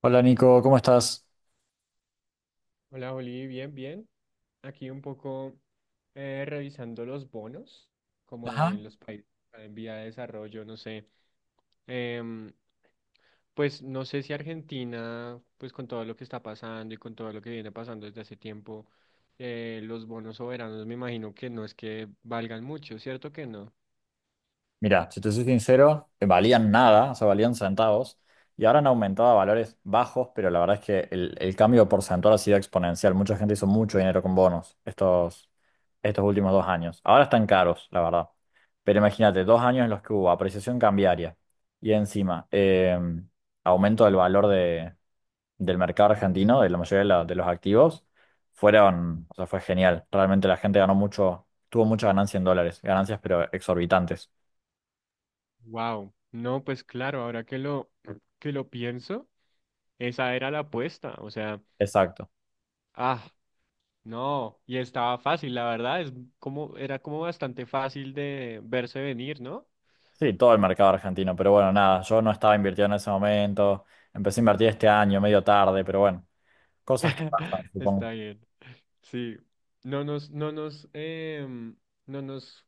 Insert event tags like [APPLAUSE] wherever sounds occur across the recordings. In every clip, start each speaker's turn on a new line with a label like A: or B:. A: Hola Nico, ¿cómo estás?
B: Hola, Oli, bien, bien. Aquí un poco revisando los bonos, como de
A: Ajá.
B: los países en vía de desarrollo, no sé. Em, pues no sé si Argentina, pues con todo lo que está pasando y con todo lo que viene pasando desde hace tiempo, los bonos soberanos me imagino que no es que valgan mucho, ¿cierto que no?
A: Mira, si te soy sincero, valían nada, o sea, valían centavos, y ahora han aumentado a valores bajos, pero la verdad es que el cambio porcentual ha sido exponencial. Mucha gente hizo mucho dinero con bonos estos últimos dos años. Ahora están caros, la verdad. Pero imagínate, dos años en los que hubo apreciación cambiaria y encima aumento del mercado argentino, de la mayoría de, de los activos, fue genial. Realmente la gente ganó mucho, tuvo mucha ganancia en dólares, ganancias pero exorbitantes.
B: Wow, no, pues claro, ahora que lo pienso, esa era la apuesta, o sea,
A: Exacto.
B: ah, no, y estaba fácil, la verdad, es como, era como bastante fácil de verse venir, ¿no?
A: Sí, todo el mercado argentino, pero bueno, nada, yo no estaba invirtiendo en ese momento, empecé a invertir este año, medio tarde, pero bueno, cosas que pasan,
B: [LAUGHS]
A: supongo.
B: Está bien. Sí. No nos, no nos, em, no nos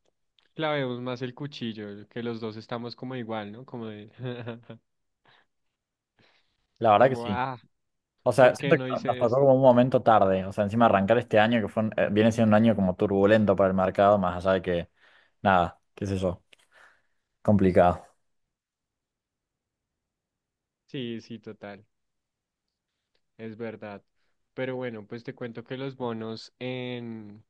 B: clavemos más el cuchillo, que los dos estamos como igual, ¿no? Como de, [LAUGHS]
A: La verdad que
B: como,
A: sí.
B: ah,
A: O sea,
B: ¿por qué
A: siento que
B: no
A: nos
B: hice
A: tocó
B: esto?
A: como un momento tarde, o sea, encima arrancar este año que fue viene siendo un año como turbulento para el mercado, más allá de que, nada, qué sé yo, complicado.
B: Sí, sí, total. Es verdad. Pero bueno, pues te cuento que los bonos en,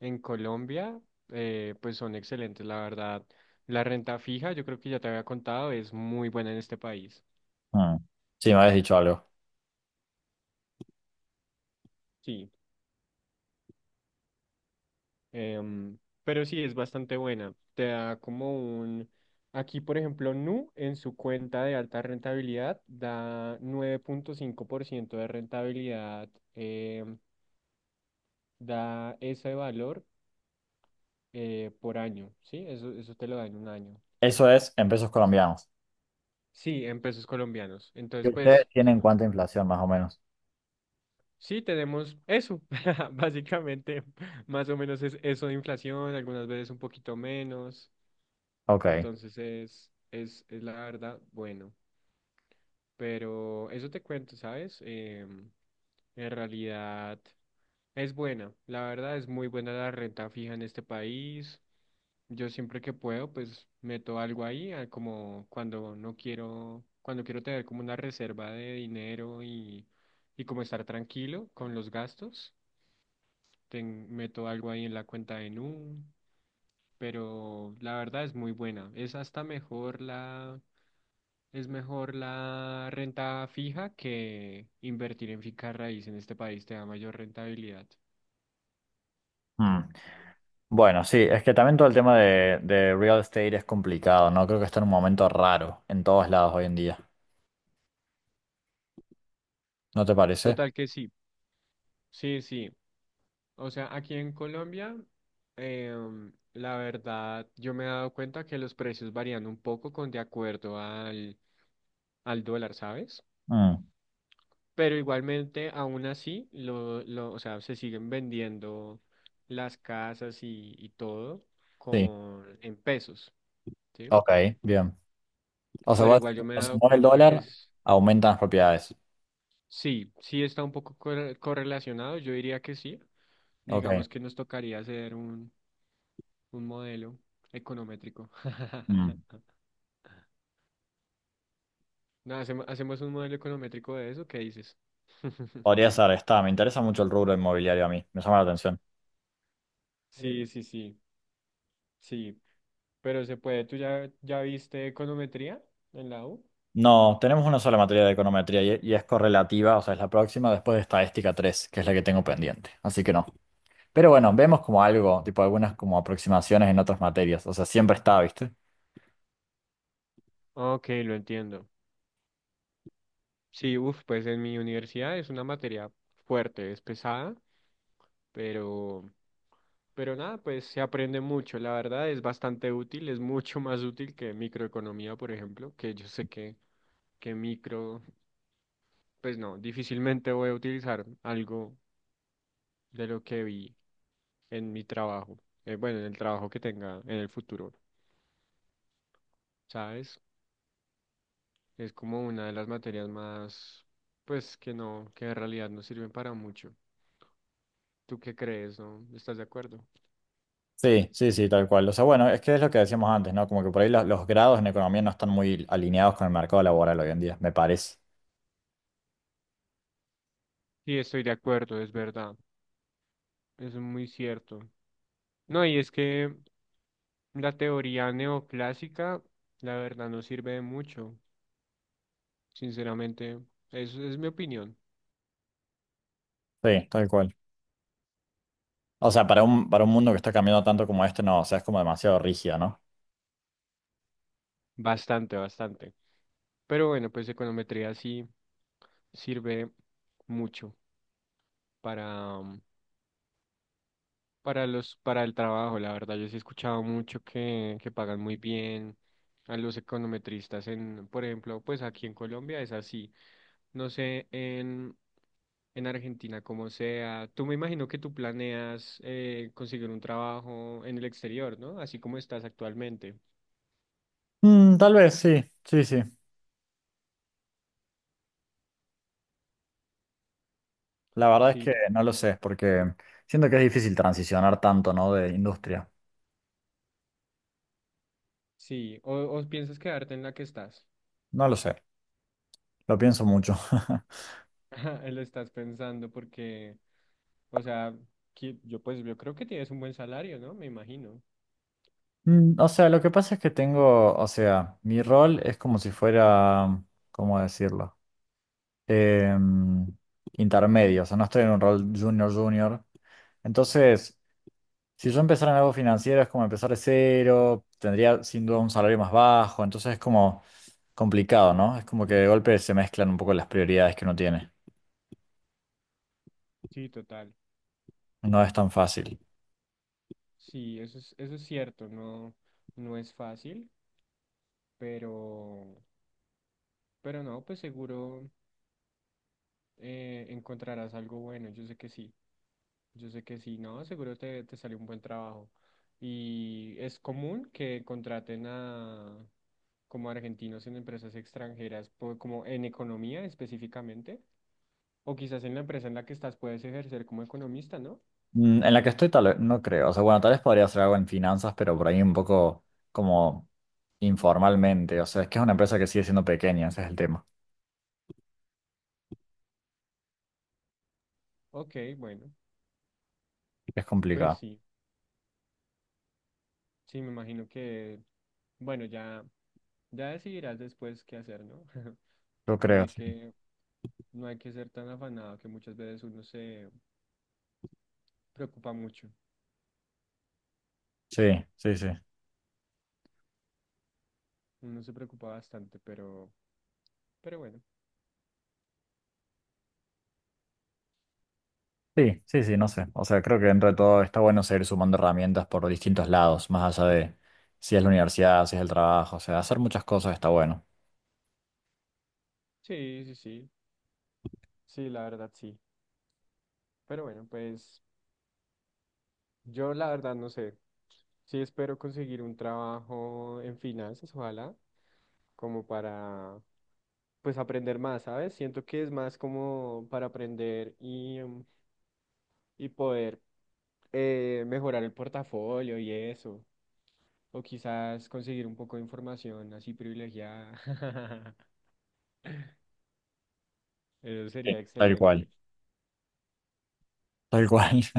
B: en Colombia, pues son excelentes, la verdad. La renta fija, yo creo que ya te había contado, es muy buena en este país.
A: Mm. Sí, me habías dicho algo.
B: Sí. Em, pero sí, es bastante buena. Te da como un... Aquí, por ejemplo, Nu en su cuenta de alta rentabilidad da 9.5% de rentabilidad, em, da ese valor por año, ¿sí? Eso te lo da en un año.
A: Eso es en pesos colombianos.
B: Sí, en pesos colombianos.
A: ¿Y
B: Entonces,
A: ustedes
B: pues
A: tienen cuánta inflación más o menos?
B: sí, tenemos eso. [LAUGHS] Básicamente, más o menos es eso de inflación, algunas veces un poquito menos.
A: Ok.
B: Entonces es la verdad, bueno. Pero eso te cuento, ¿sabes? En realidad es buena. La verdad es muy buena la renta fija en este país. Yo siempre que puedo, pues meto algo ahí, como cuando no quiero, cuando quiero tener como una reserva de dinero y como estar tranquilo con los gastos, meto algo ahí en la cuenta de Nu, pero la verdad es muy buena. Es mejor la renta fija que invertir en finca raíz en este país, te da mayor rentabilidad.
A: Mm. Bueno, sí, es que también todo el tema de real estate es complicado, ¿no? Creo que está en un momento raro en todos lados hoy en día. ¿No te parece?
B: Total que sí. Sí, sí. O sea, aquí en Colombia, la verdad, yo me he dado cuenta que los precios varían un poco con de acuerdo al dólar, ¿sabes?
A: Mm,
B: Pero igualmente, aún así, o sea, se siguen vendiendo las casas y todo
A: sí.
B: con, en pesos, ¿sí?
A: Ok, bien. O sea,
B: Pero
A: vos,
B: igual yo me he
A: cuando se
B: dado
A: mueve el
B: cuenta que
A: dólar,
B: es,
A: aumentan las propiedades.
B: sí, sí está un poco correlacionado, yo diría que sí. Digamos
A: Ok.
B: que nos tocaría hacer un modelo econométrico.
A: Mm.
B: [LAUGHS] No, hacemos un modelo econométrico de eso, ¿qué dices?
A: Podría
B: [LAUGHS]
A: ser, está. Me interesa mucho el rubro inmobiliario a mí. Me llama la atención.
B: Sí, sí, sí, sí. Pero se puede, ¿tú ya viste econometría en la U?
A: No, tenemos una sola materia de econometría y es correlativa, o sea, es la próxima después de estadística 3, que es la que tengo pendiente. Así que no. Pero bueno, vemos como algo, tipo algunas como aproximaciones en otras materias, o sea, siempre está, ¿viste?
B: Ok, lo entiendo. Sí, uff, pues en mi universidad es una materia fuerte, es pesada, pero, pero nada, pues se aprende mucho. La verdad es bastante útil, es mucho más útil que microeconomía, por ejemplo, que yo sé que micro, pues no, difícilmente voy a utilizar algo de lo que vi en mi trabajo, bueno, en el trabajo que tenga en el futuro, ¿sabes? Es como una de las materias más, pues, que no, que en realidad no sirven para mucho. ¿Tú qué crees, no? ¿Estás de acuerdo?
A: Sí, sí, sí, tal cual. O sea, bueno, es que es lo que decíamos antes, ¿no? Como que por ahí los grados en economía no están muy alineados con el mercado laboral hoy en día, me parece.
B: Sí, estoy de acuerdo, es verdad. Es muy cierto. No, y es que la teoría neoclásica, la verdad, no sirve de mucho, sinceramente. Eso es mi opinión.
A: Sí, tal cual. O sea, para para un mundo que está cambiando tanto como este, no, o sea, es como demasiado rígida, ¿no?
B: Bastante, bastante. Pero bueno, pues econometría sí sirve mucho para, para para el trabajo, la verdad, yo sí he escuchado mucho que pagan muy bien a los econometristas por ejemplo, pues aquí en Colombia es así. No sé, en Argentina como sea. Tú Me imagino que tú planeas conseguir un trabajo en el exterior, ¿no? Así como estás actualmente.
A: Mm, tal vez, sí, sí, sí. La verdad es
B: Sí,
A: que no
B: total.
A: lo sé, porque siento que es difícil transicionar tanto, ¿no? De industria.
B: Sí, o piensas quedarte en la que estás.
A: No lo sé, lo pienso mucho. [LAUGHS]
B: [LAUGHS] Lo estás pensando porque, o sea, yo pues yo creo que tienes un buen salario, ¿no? Me imagino.
A: Mm, o sea, lo que pasa es que tengo, o sea, mi rol es como si fuera, ¿cómo decirlo? Em, intermedio, o sea, no estoy en un rol junior junior. Entonces, si yo empezara en algo financiero es como empezar de cero, tendría sin duda un salario más bajo, entonces es como complicado, ¿no? Es como que de golpe se mezclan un poco las prioridades que uno tiene.
B: Sí, total.
A: No es tan fácil.
B: Sí, eso es cierto, no, no es fácil, pero, pero no, pues seguro encontrarás algo bueno, yo sé que sí, yo sé que sí, no, seguro te sale un buen trabajo. Y es común que contraten a como argentinos en empresas extranjeras, como en economía específicamente, o quizás en la empresa en la que estás puedes ejercer como economista, ¿no?
A: Mm, en la que estoy tal vez, no creo. O sea, bueno, tal vez podría hacer algo en finanzas, pero por ahí un poco como informalmente. O sea, es que es una empresa que sigue siendo pequeña, ese es el tema.
B: Ok, bueno,
A: Es
B: pues
A: complicado.
B: sí, sí, me imagino que, bueno, ya. Ya decidirás después qué hacer, ¿no? [LAUGHS]
A: Yo
B: No
A: creo,
B: hay
A: sí.
B: que, no hay que ser tan afanado que muchas veces uno se preocupa mucho.
A: Sí, sí, sí.
B: Uno se preocupa bastante, pero bueno.
A: Sí, sí, sí, no sé. O sea, creo que dentro de todo está bueno seguir sumando herramientas por distintos lados, más allá de si es la universidad, si es el trabajo. O sea, hacer muchas cosas está bueno.
B: Sí, sí, sí. Sí, la verdad sí. Pero bueno, pues yo la verdad no sé. Sí espero conseguir un trabajo en finanzas, ojalá, como para, pues aprender más, ¿sabes? Siento que es más como para aprender y, y poder mejorar el portafolio y eso. O quizás conseguir un poco de información así privilegiada. [LAUGHS] Eso
A: Sí,
B: sería
A: tal
B: excelente.
A: cual, tal cual. [LAUGHS]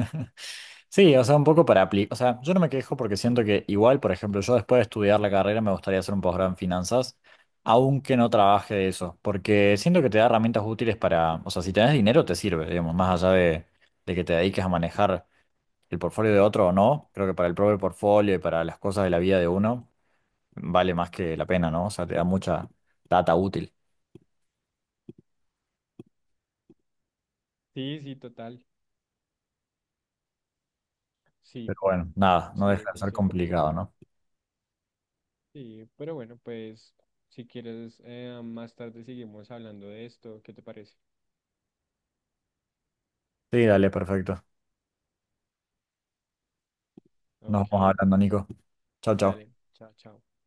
A: Sí, o sea, un poco para aplicar. O sea, yo no me quejo porque siento que igual, por ejemplo, yo después de estudiar la carrera me gustaría hacer un posgrado en finanzas, aunque no trabaje de eso, porque siento que te da herramientas útiles para, o sea, si tenés dinero te sirve, digamos, más allá de que te dediques a manejar el portfolio de otro o no, creo que para el propio portfolio y para las cosas de la vida de uno, vale más que la pena, ¿no? O sea, te da mucha data útil.
B: Sí, sí, total. Sí,
A: Pero bueno, nada, no
B: sí, es
A: deja de
B: muy
A: ser
B: cierto.
A: complicado, ¿no?
B: Sí, pero bueno, pues si quieres, más tarde seguimos hablando de esto. ¿Qué te parece?
A: Sí, dale, perfecto. Nos
B: Ok,
A: vamos hablando, Nico. Chao, chao.
B: dale. Chao, chao.